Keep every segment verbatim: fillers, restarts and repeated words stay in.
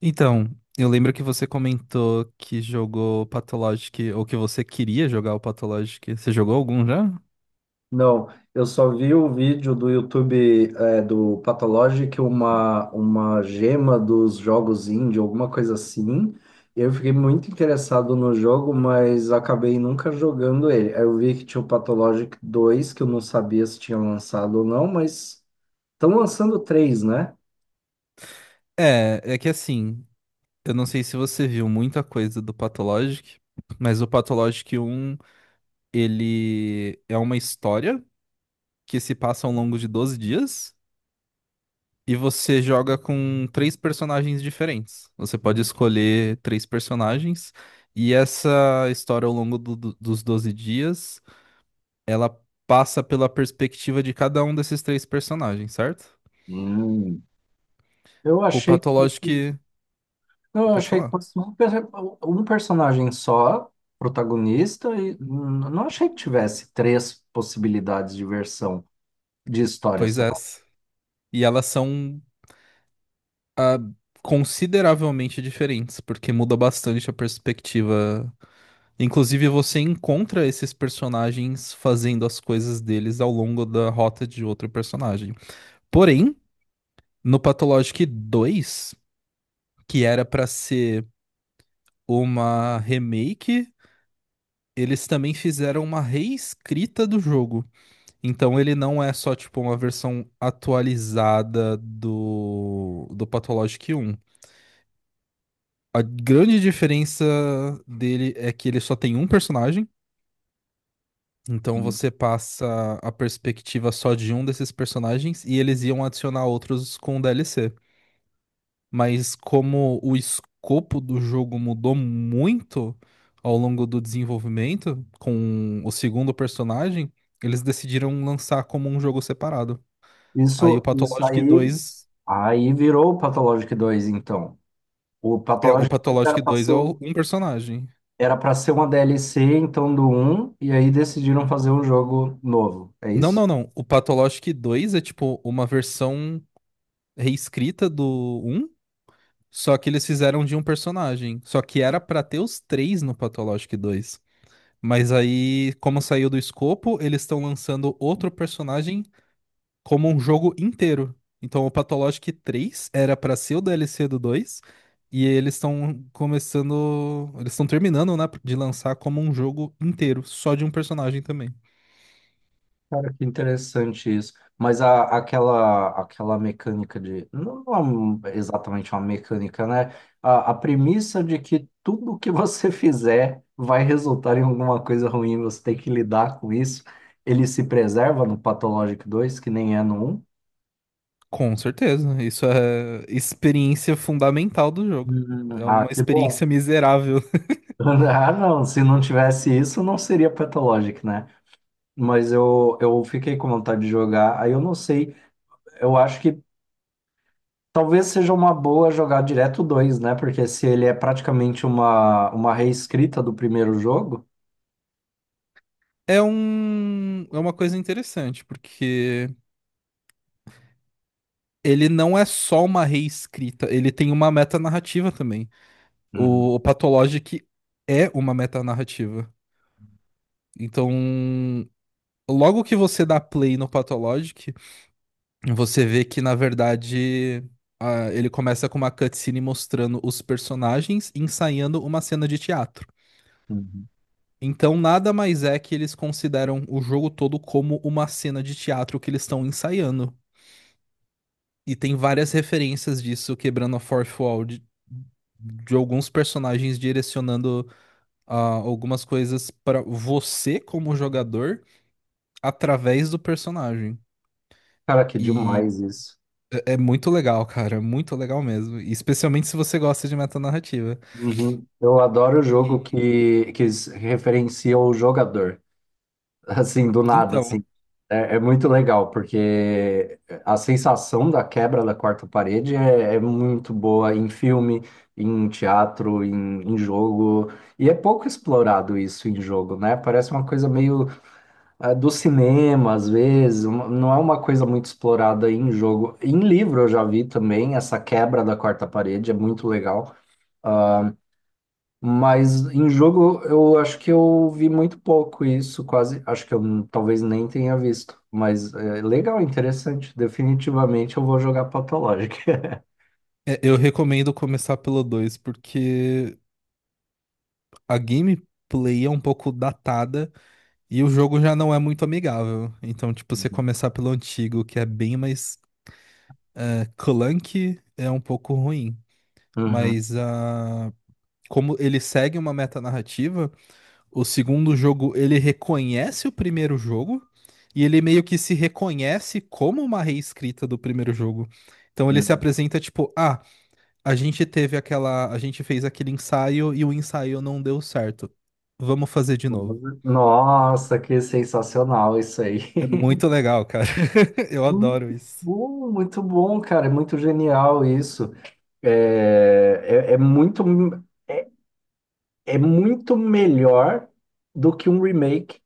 Então, eu lembro que você comentou que jogou Pathologic, ou que você queria jogar o Pathologic. Você jogou algum já? Não, eu só vi o vídeo do YouTube é, do Pathologic, uma, uma gema dos jogos indie, alguma coisa assim. Eu fiquei muito interessado no jogo, mas acabei nunca jogando ele. Aí eu vi que tinha o Pathologic dois, que eu não sabia se tinha lançado ou não, mas estão lançando três, né? É, é que assim, eu não sei se você viu muita coisa do Pathologic, mas o Pathologic um, ele é uma história que se passa ao longo de doze dias e você joga com três personagens diferentes. Você pode escolher três personagens e essa história ao longo do- do- dos doze dias ela passa pela perspectiva de cada um desses três personagens, certo? Hum. Eu O achei que patológico fosse. que... Não, eu Pode achei que falar. fosse um, per- um personagem só, protagonista, e hum, não achei que tivesse três possibilidades de versão de história, Pois sei é. lá. E elas são ah, consideravelmente diferentes, porque muda bastante a perspectiva. Inclusive, você encontra esses personagens fazendo as coisas deles ao longo da rota de outro personagem. Porém, no Pathologic dois, que era pra ser uma remake, eles também fizeram uma reescrita do jogo. Então ele não é só tipo uma versão atualizada do do Pathologic Um. A grande diferença dele é que ele só tem um personagem, então você passa a perspectiva só de um desses personagens e eles iam adicionar outros com o D L C. Mas como o escopo do jogo mudou muito ao longo do desenvolvimento com o segundo personagem, eles decidiram lançar como um jogo separado. Aí o Isso, isso Pathologic aí, Dois. aí virou o Pathologic dois então. O É, o Pathologic dois era Pathologic para dois ser, é o- o- um personagem. era para ser uma D L C, então, do um e aí decidiram fazer um jogo novo, é Não, isso? não, não. O Pathologic dois é tipo uma versão reescrita do um, só que eles fizeram de um personagem. Só que era pra ter os três no Pathologic dois. Mas aí, como saiu do escopo, eles estão lançando outro personagem como um jogo inteiro. Então o Pathologic três era pra ser o D L C do dois, e eles estão começando, eles estão terminando, né, de lançar como um jogo inteiro, só de um personagem também. Cara, que interessante isso. Mas a, aquela, aquela mecânica de. Não é um- exatamente uma mecânica, né? A, a premissa de que tudo que você fizer vai resultar em alguma coisa ruim, você tem que lidar com isso. Ele se preserva no Pathologic dois que nem é no um. Com certeza, isso é experiência fundamental do jogo. Hum, É Ah, uma que bom. experiência miserável. Ah, não, se não tivesse isso, não seria Pathologic, né? Mas eu, eu fiquei com vontade de jogar. Aí eu não sei, eu acho que talvez seja uma boa jogar direto o dois, né? Porque se ele é praticamente uma, uma reescrita do primeiro jogo. É um, é uma coisa interessante, porque ele não é só uma reescrita, ele tem uma metanarrativa também. Uhum, O, o Pathologic é uma metanarrativa. Então, logo que você dá play no Pathologic, você vê que, na verdade, ah, ele começa com uma cutscene mostrando os personagens ensaiando uma cena de teatro. uhum, Então, nada mais é que eles consideram o jogo todo como uma cena de teatro que eles estão ensaiando. E tem várias referências disso quebrando a fourth wall de, de alguns personagens direcionando ah, algumas coisas para você como jogador através do personagem. cara, que E demais isso. é é muito legal, cara, é muito legal mesmo. E especialmente se você gosta de metanarrativa. Uhum. Eu adoro o jogo E que, que s- referencia o jogador, assim, do nada, então, assim. É, é muito legal, porque a sensação da quebra da quarta parede é, é muito boa em filme, em teatro, em, em jogo. E é pouco explorado isso em jogo, né? Parece uma coisa meio ah, do cinema, às vezes, uma- não é uma coisa muito explorada em jogo. Em livro eu já vi também, essa quebra da quarta parede é muito legal. Ah, mas em jogo eu acho que eu vi muito pouco isso, quase, acho que eu n- talvez nem tenha visto. Mas é legal, interessante. Definitivamente eu vou jogar Pathologic. é, eu recomendo começar pelo dois porque a gameplay é um pouco datada e o jogo já não é muito amigável. Então, tipo, você começar pelo antigo, que é bem mais é, clunky, é um pouco ruim. Uhum. Mas a como ele segue uma metanarrativa, o segundo jogo ele reconhece o primeiro jogo e ele meio que se reconhece como uma reescrita do primeiro jogo. Então ele se Uhum, apresenta tipo, ah, a gente teve aquela, a gente fez aquele ensaio e o ensaio não deu certo. Vamos fazer de novo. uhum. Nossa, que sensacional isso aí. É muito legal, cara. Eu adoro Muito isso. bom, muito bom, cara. É muito genial isso. É, é, é muito, é, é muito melhor do que um remake,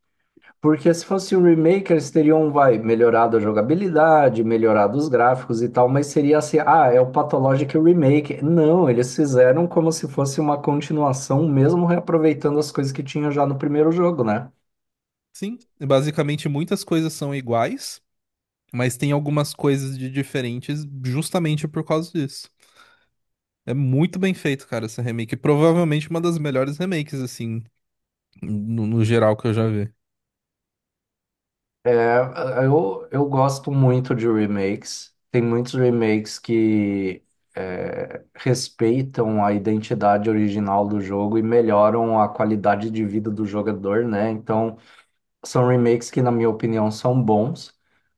porque se fosse um remake, eles teriam, vai, melhorado a jogabilidade, melhorado os gráficos e tal, mas seria assim, ah, é o Pathologic Remake. Não, eles fizeram como se fosse uma continuação, mesmo reaproveitando as coisas que tinha já no primeiro jogo, né? Sim, basicamente muitas coisas são iguais, mas tem algumas coisas de diferentes justamente por causa disso. É muito bem feito, cara, essa remake. Provavelmente uma das melhores remakes, assim, no, no geral que eu já vi. É, eu, eu gosto muito de remakes. Tem muitos remakes que é, respeitam a identidade original do jogo e melhoram a qualidade de vida do jogador, né? Então, são remakes que, na minha opinião, são bons.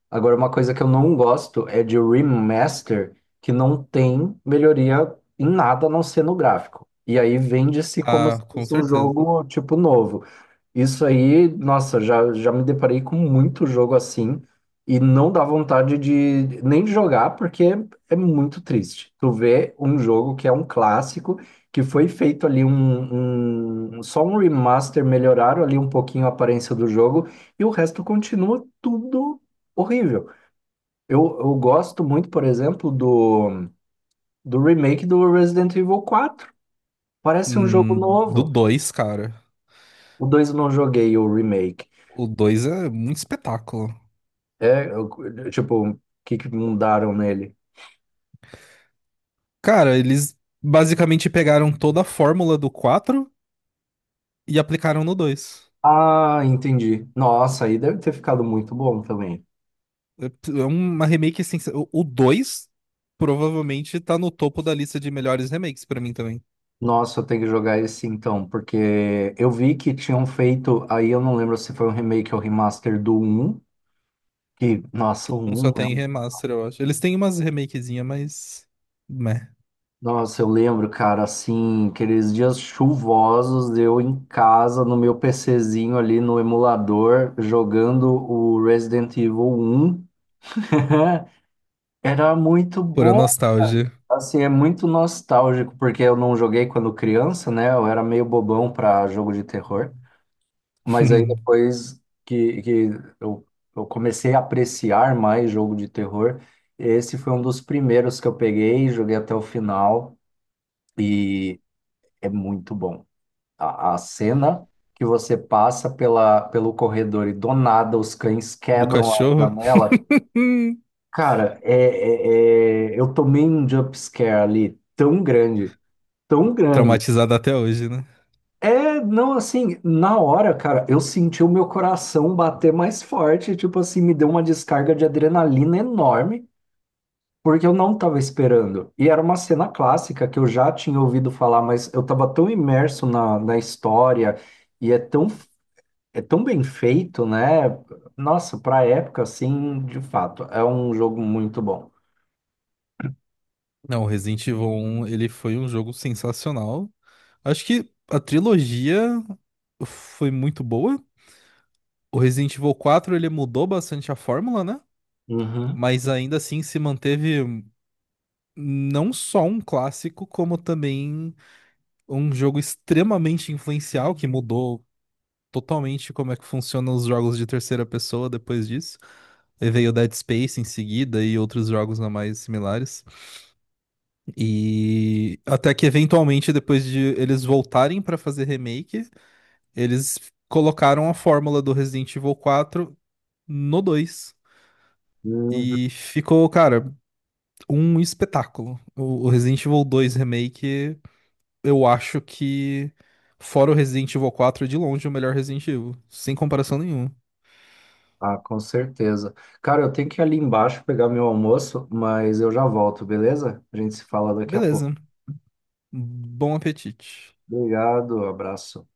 Agora, uma coisa que eu não gosto é de remaster que não tem melhoria em nada a não ser no gráfico. E aí vende-se como Ah, se com fosse um certeza. jogo tipo novo. Isso aí, nossa, já, já me deparei com muito jogo assim e não dá vontade de nem de jogar porque é muito triste. Tu vê um jogo que é um clássico, que foi feito ali um, um- um, só um remaster, melhoraram ali um pouquinho a aparência do jogo e o resto continua tudo horrível. Eu, eu gosto muito, por exemplo, do, do remake do Resident Evil quatro. Parece um jogo Hum. Do novo. dois, cara. O dois eu não joguei o remake. O dois é muito espetáculo. É, eu- tipo, o que que mudaram nele? Cara, eles basicamente pegaram toda a fórmula do quatro e aplicaram no dois. Ah, entendi. Nossa, aí deve ter ficado muito bom também. É uma remake assim. O dois provavelmente tá no topo da lista de melhores remakes pra mim também. Nossa, eu tenho que jogar esse então, porque eu vi que tinham feito, aí eu não lembro se foi um remake ou remaster do um. Que, nossa, o Um um, só é tem um- remaster, eu acho. Eles têm umas remakezinhas, mas. Meh, nossa, eu lembro, cara, assim, aqueles dias chuvosos, eu em casa, no meu PCzinho ali, no emulador, jogando o Resident Evil um. Era muito pura bom, cara. nostalgia. Assim, é muito nostálgico, porque eu não joguei quando criança, né? Eu era meio bobão para jogo de terror. Mas aí depois que, que eu, eu comecei a apreciar mais jogo de terror, esse foi um dos primeiros que eu peguei, joguei até o final e é muito bom. A, a cena que você passa pela, pelo corredor e do nada os cães Do quebram a cachorro. janela. Hum. Cara, é, é- é- eu tomei um jump scare ali tão grande, tão grande. Traumatizado até hoje, né? É, não, assim, na hora, cara, eu senti o meu coração bater mais forte, tipo assim, me deu uma descarga de adrenalina enorme, porque eu não tava esperando. E era uma cena clássica que eu já tinha ouvido falar, mas eu tava tão imerso na, na história e é tão, é tão bem feito, né? Nossa, pra época, assim, de fato, é um jogo muito bom. Não, o Resident Evil um, ele foi um jogo sensacional. Acho que a trilogia foi muito boa. O Resident Evil quatro ele mudou bastante a fórmula, né? Uhum. Mas ainda assim se manteve. Não só um clássico, como também um jogo extremamente influencial que mudou totalmente como é que funcionam os jogos de terceira pessoa depois disso. E veio Dead Space em seguida e outros jogos não mais similares. E até que eventualmente depois de eles voltarem para fazer remake, eles colocaram a fórmula do Resident Evil quatro no dois. E ficou, cara, um espetáculo. O o Resident Evil dois Remake eu acho que, fora o Resident Evil quatro é de longe o melhor Resident Evil. Sem comparação nenhuma. Ah, com certeza. Cara, eu tenho que ir ali embaixo pegar meu almoço, mas eu já volto, beleza? A gente se fala daqui a pouco. Beleza. Bom apetite. Obrigado, abraço.